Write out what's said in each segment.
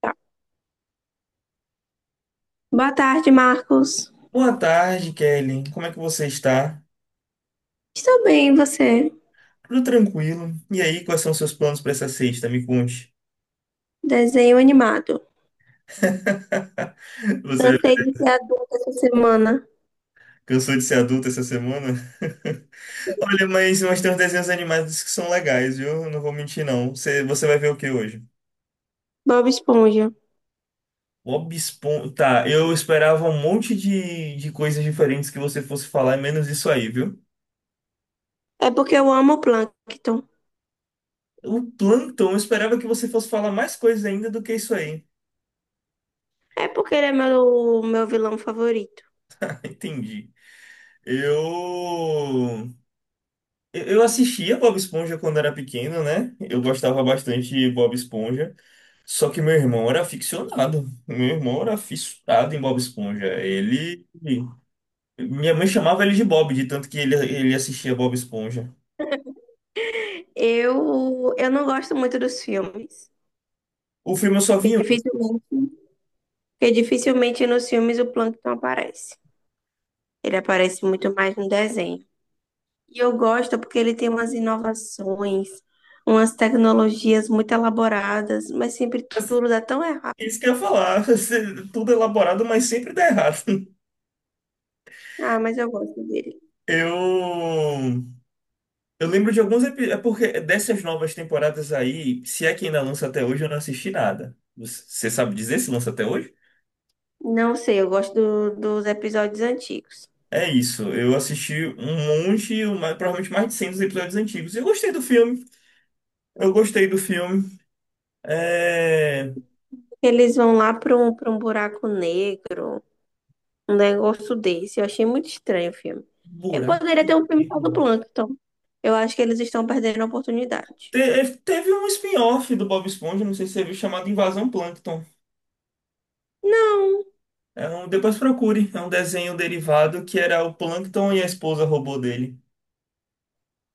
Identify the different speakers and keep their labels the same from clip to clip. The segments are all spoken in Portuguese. Speaker 1: Tá. Boa tarde, Marcos.
Speaker 2: Boa tarde, Kelly. Como é que você está?
Speaker 1: Estou bem, e você?
Speaker 2: Tudo tranquilo. E aí, quais são os seus planos para essa sexta? Me conte.
Speaker 1: Desenho animado.
Speaker 2: Você
Speaker 1: Cansei de ser adulta essa semana.
Speaker 2: cansou de ser adulto essa semana? Olha, mas tem uns desenhos animados que são legais, viu? Eu não vou mentir, não. Você vai ver o que hoje?
Speaker 1: Bob Esponja.
Speaker 2: Bob Esponja. Tá, eu esperava um monte de coisas diferentes que você fosse falar, menos isso aí, viu?
Speaker 1: É porque eu amo o Plankton.
Speaker 2: O Plantão, eu esperava que você fosse falar mais coisas ainda do que isso aí.
Speaker 1: É porque ele é meu vilão favorito.
Speaker 2: Entendi. Eu. Eu assistia Bob Esponja quando era pequeno, né? Eu gostava bastante de Bob Esponja. Só que meu irmão era aficionado. Meu irmão era fissurado em Bob Esponja. Ele. Minha mãe chamava ele de Bob, de tanto que ele assistia Bob Esponja.
Speaker 1: Eu não gosto muito dos filmes.
Speaker 2: O filme eu só vi
Speaker 1: Porque
Speaker 2: um,
Speaker 1: dificilmente, porque dificilmente nos filmes o Plankton aparece. Ele aparece muito mais no desenho. E eu gosto porque ele tem umas inovações, umas tecnologias muito elaboradas, mas sempre
Speaker 2: mas
Speaker 1: tudo dá tão errado.
Speaker 2: é isso que eu ia falar. Tudo elaborado, mas sempre dá errado.
Speaker 1: Ah, mas eu gosto dele.
Speaker 2: Eu. Eu lembro de alguns episódios. É porque dessas novas temporadas aí, se é que ainda lança até hoje, eu não assisti nada. Você sabe dizer se lança até hoje?
Speaker 1: Não sei, eu gosto dos episódios antigos.
Speaker 2: É isso, eu assisti um monte, provavelmente mais de 100 dos episódios antigos. E eu gostei do filme, eu gostei do filme. É...
Speaker 1: Eles vão lá para para um buraco negro, um negócio desse. Eu achei muito estranho o filme. Eu
Speaker 2: Buraco.
Speaker 1: poderia ter um filme só do
Speaker 2: Negro?
Speaker 1: Plankton. Eu acho que eles estão perdendo a oportunidade.
Speaker 2: É, teve um spin-off do Bob Esponja, não sei se você viu, chamado Invasão Plâncton.
Speaker 1: Não.
Speaker 2: É um... Depois procure, é um desenho derivado que era o Plâncton e a esposa robô dele.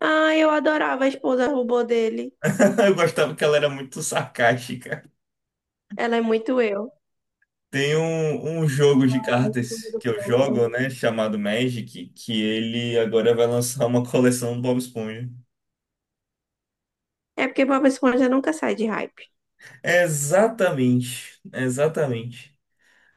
Speaker 1: Ah, eu adorava a esposa robô dele.
Speaker 2: Eu gostava que ela era muito sarcástica.
Speaker 1: Ela é muito eu.
Speaker 2: Tem um jogo de
Speaker 1: A esposa
Speaker 2: cartas
Speaker 1: do
Speaker 2: que eu
Speaker 1: Plankton.
Speaker 2: jogo, né, chamado Magic, que ele agora vai lançar uma coleção do Bob Esponja.
Speaker 1: É porque Bob Esponja nunca sai de hype.
Speaker 2: Exatamente, exatamente.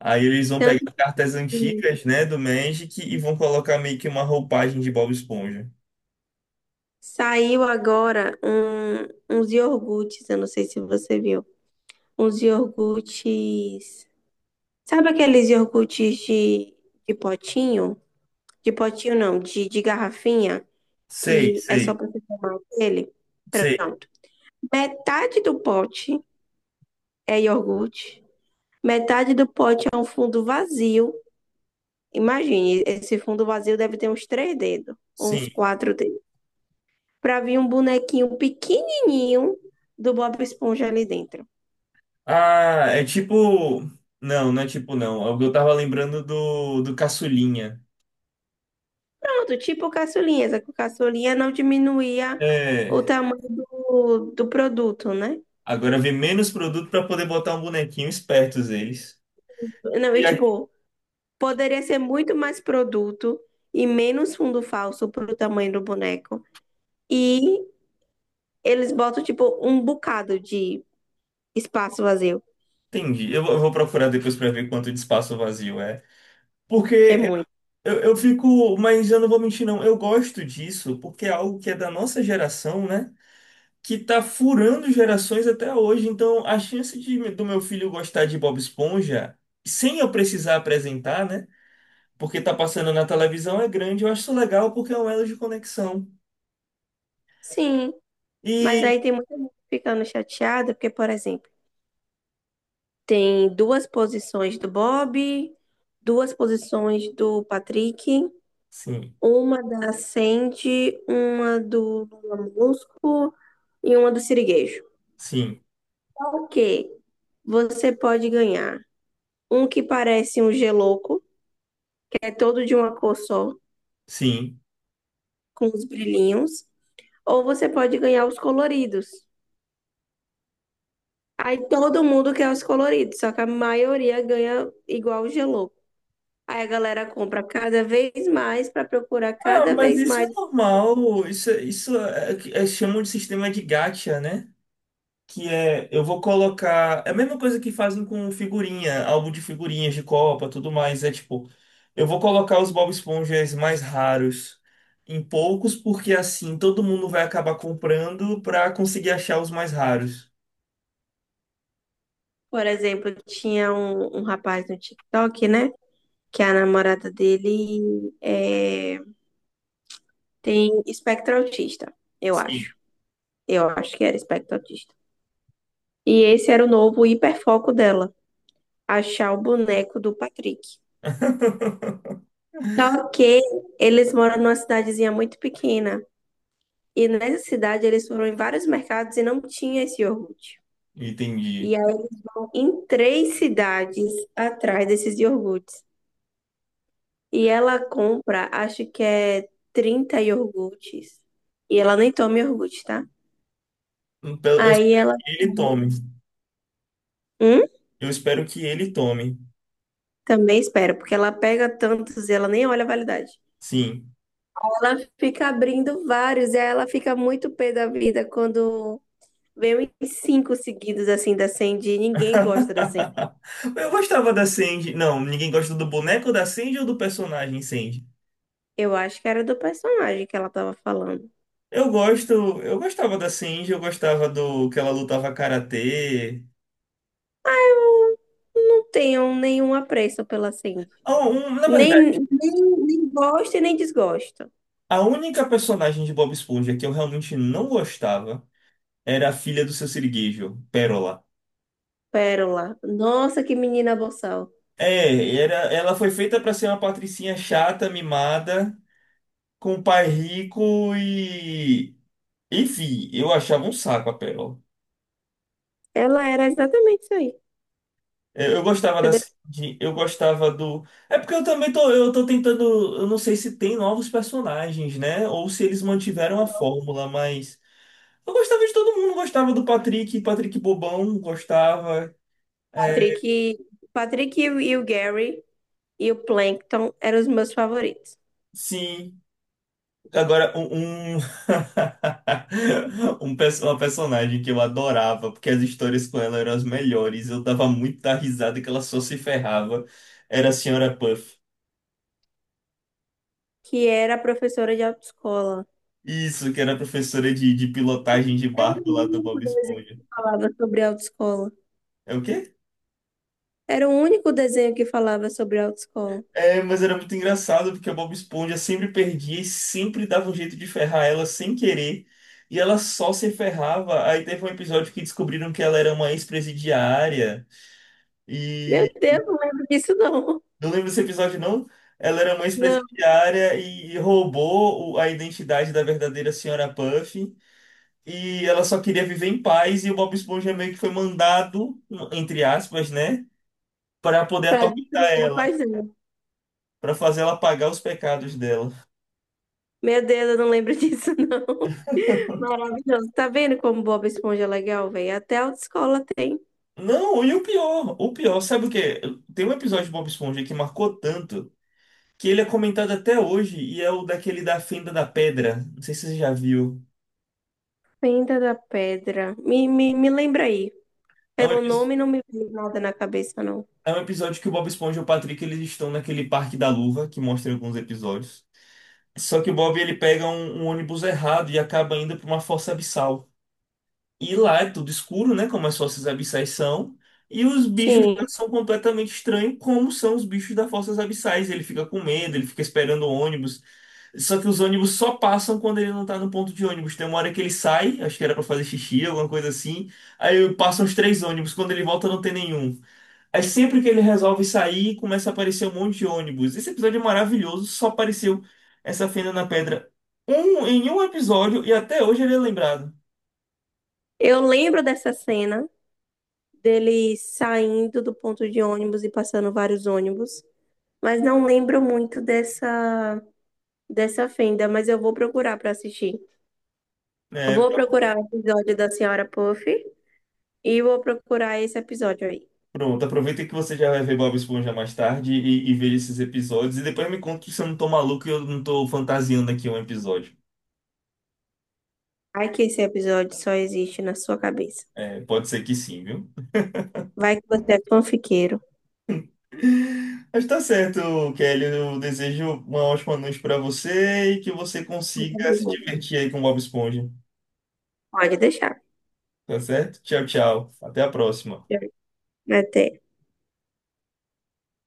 Speaker 2: Aí eles vão
Speaker 1: Tanto
Speaker 2: pegar cartas
Speaker 1: que
Speaker 2: antigas, né, do Magic e vão colocar meio que uma roupagem de Bob Esponja.
Speaker 1: saiu agora uns iogurtes, eu não sei se você viu. Uns iogurtes. Sabe aqueles iogurtes de potinho? De potinho não, de garrafinha,
Speaker 2: Sei,
Speaker 1: que é só
Speaker 2: sei,
Speaker 1: pra você tomar ele.
Speaker 2: sei,
Speaker 1: Pronto. Metade do pote é iogurte, metade do pote é um fundo vazio. Imagine, esse fundo vazio deve ter uns três dedos, ou
Speaker 2: sim.
Speaker 1: uns quatro dedos, pra vir um bonequinho pequenininho do Bob Esponja ali dentro.
Speaker 2: Ah, é tipo. Não, não é tipo não. É, eu tava lembrando do Caçulinha.
Speaker 1: Pronto, tipo caçulinha, só que o caçulinha não diminuía o
Speaker 2: É.
Speaker 1: tamanho do produto, né?
Speaker 2: Agora vem menos produto para poder botar um bonequinho, espertos eles.
Speaker 1: Não, e
Speaker 2: E aqui,
Speaker 1: tipo, poderia ser muito mais produto e menos fundo falso pro tamanho do boneco. E eles botam, tipo, um bocado de espaço vazio.
Speaker 2: entendi. Eu vou procurar depois para ver quanto de espaço vazio é.
Speaker 1: É
Speaker 2: Porque
Speaker 1: muito.
Speaker 2: eu fico, mas eu não vou mentir, não. Eu gosto disso porque é algo que é da nossa geração, né? Que tá furando gerações até hoje. Então, a chance de, do meu filho gostar de Bob Esponja, sem eu precisar apresentar, né? Porque tá passando na televisão é grande. Eu acho isso legal porque é um elo de conexão.
Speaker 1: Sim, mas
Speaker 2: E
Speaker 1: aí tem muita gente ficando chateada, porque, por exemplo, tem duas posições do Bob, duas posições do Patrick.
Speaker 2: sim,
Speaker 1: Uma da Sandy, uma do Lula Molusco e uma do Siriguejo.
Speaker 2: sim,
Speaker 1: O que você pode ganhar? Um que parece um geloco, que é todo de uma cor só,
Speaker 2: sim.
Speaker 1: com os brilhinhos. Ou você pode ganhar os coloridos. Aí todo mundo quer os coloridos, só que a maioria ganha igual o geloco. Aí a galera compra cada vez mais para procurar
Speaker 2: Ah,
Speaker 1: cada
Speaker 2: mas
Speaker 1: vez
Speaker 2: isso é
Speaker 1: mais.
Speaker 2: normal. Isso é, é, chamam de sistema de gacha, né? Que é, eu vou colocar, é a mesma coisa que fazem com figurinha, álbum de figurinhas de Copa, tudo mais, é tipo, eu vou colocar os Bob Esponjas mais raros em poucos, porque assim todo mundo vai acabar comprando pra conseguir achar os mais raros.
Speaker 1: Por exemplo, tinha um rapaz no TikTok, né? Que a namorada dele é, tem espectro autista, eu
Speaker 2: Sim.
Speaker 1: acho. Eu acho que era espectro autista. E esse era o novo hiperfoco dela, achar o boneco do Patrick. Só que eles moram numa cidadezinha muito pequena. E nessa cidade eles foram em vários mercados e não tinha esse iogurte. E
Speaker 2: Entendi.
Speaker 1: aí, em três cidades atrás desses iogurtes. E ela compra, acho que é 30 iogurtes. E ela nem toma iogurte, tá?
Speaker 2: Então, eu
Speaker 1: Aí
Speaker 2: espero
Speaker 1: ela.
Speaker 2: que ele tome.
Speaker 1: Hum?
Speaker 2: Eu espero que ele tome.
Speaker 1: Também espera, porque ela pega tantos e ela nem olha a validade.
Speaker 2: Sim.
Speaker 1: Ela fica abrindo vários e aí ela fica muito pé da vida quando vem uns cinco seguidos assim da Sandy e ninguém gosta da Sandy.
Speaker 2: Eu gostava da Sandy. Não, ninguém gosta do boneco da Sandy ou do personagem Sandy?
Speaker 1: Eu acho que era do personagem que ela tava falando.
Speaker 2: Eu gosto, eu gostava da Shinji, eu gostava do que ela lutava karatê.
Speaker 1: Não tenho nenhum apreço pela Sandy.
Speaker 2: Ah, na
Speaker 1: Nem,
Speaker 2: verdade,
Speaker 1: nem gosto e nem desgosto.
Speaker 2: a única personagem de Bob Esponja que eu realmente não gostava era a filha do seu Sirigueijo, Pérola.
Speaker 1: Pérola. Nossa, que menina boçal.
Speaker 2: É, era, ela foi feita pra ser uma patricinha chata, mimada, com um pai rico e. Enfim, eu achava um saco a Pérola.
Speaker 1: Ela era exatamente isso aí.
Speaker 2: Eu gostava
Speaker 1: Você
Speaker 2: dessa. Eu gostava do. É porque eu também tô. Eu tô tentando. Eu não sei se tem novos personagens, né? Ou se eles mantiveram a fórmula, mas. Eu gostava de todo mundo. Gostava do Patrick, Patrick Bobão, gostava.
Speaker 1: o Patrick,
Speaker 2: É,
Speaker 1: Patrick e o Gary e o Plankton eram os meus favoritos,
Speaker 2: sim. Agora, Um, uma personagem que eu adorava, porque as histórias com ela eram as melhores. Eu dava muita risada que ela só se ferrava. Era a Senhora Puff.
Speaker 1: que era a professora de autoescola.
Speaker 2: Isso, que era professora de pilotagem de
Speaker 1: Era
Speaker 2: barco
Speaker 1: o
Speaker 2: lá do
Speaker 1: único
Speaker 2: Bob
Speaker 1: desenho
Speaker 2: Esponja.
Speaker 1: que falava sobre autoescola.
Speaker 2: É o quê?
Speaker 1: Era o único desenho que falava sobre autoescola.
Speaker 2: É, mas era muito engraçado porque a Bob Esponja sempre perdia e sempre dava um jeito de ferrar ela sem querer. E ela só se ferrava. Aí teve um episódio que descobriram que ela era uma ex-presidiária. E
Speaker 1: Meu Deus, não lembro disso não.
Speaker 2: não lembro desse episódio, não. Ela era uma
Speaker 1: Não,
Speaker 2: ex-presidiária e roubou a identidade da verdadeira senhora Puff. E ela só queria viver em paz. E o Bob Esponja meio que foi mandado, entre aspas, né? Para poder
Speaker 1: para
Speaker 2: atormentar
Speaker 1: destruir a
Speaker 2: ela,
Speaker 1: paixão.
Speaker 2: para fazer ela pagar os pecados dela.
Speaker 1: Meu Deus, eu não lembro disso não. Maravilhoso. Tá vendo como Bob Esponja é legal, velho? Até a autoescola tem.
Speaker 2: Não, e o pior, sabe o quê? Tem um episódio de Bob Esponja que marcou tanto que ele é comentado até hoje e é o daquele da Fenda da Pedra. Não sei se você já viu.
Speaker 1: Fenda da Pedra. Me lembra aí.
Speaker 2: É
Speaker 1: Pelo nome não me vem nada na cabeça, não.
Speaker 2: é um episódio que o Bob Esponja e o Patrick eles estão naquele Parque da Luva que mostra em alguns episódios. Só que o Bob ele pega um ônibus errado e acaba indo para uma fossa abissal. E lá é tudo escuro, né? Como as fossas abissais são. E os bichos já
Speaker 1: Sim,
Speaker 2: são completamente estranhos, como são os bichos das fossas abissais. Ele fica com medo, ele fica esperando o ônibus. Só que os ônibus só passam quando ele não tá no ponto de ônibus. Tem uma hora que ele sai, acho que era pra fazer xixi, alguma coisa assim. Aí passam os 3 ônibus, quando ele volta não tem nenhum. Aí sempre que ele resolve sair, começa a aparecer um monte de ônibus. Esse episódio é maravilhoso, só apareceu essa fenda na pedra em um episódio e até hoje ele é lembrado.
Speaker 1: eu lembro dessa cena dele saindo do ponto de ônibus e passando vários ônibus. Mas não lembro muito dessa fenda, mas eu vou procurar para assistir. Eu vou procurar o episódio da Senhora Puff e vou procurar esse episódio aí.
Speaker 2: Pronto, aproveita que você já vai ver Bob Esponja mais tarde e veja esses episódios. E depois me conta se eu não tô maluco e eu não tô fantasiando aqui um episódio.
Speaker 1: Ai que esse episódio só existe na sua cabeça.
Speaker 2: É, pode ser que sim, viu?
Speaker 1: Vai que você é fanfiqueiro.
Speaker 2: Mas tá certo, Kelly. Eu desejo uma ótima noite pra você e que você consiga se divertir aí com Bob Esponja.
Speaker 1: Pode deixar.
Speaker 2: Tá certo? Tchau, tchau. Até a próxima.
Speaker 1: Até.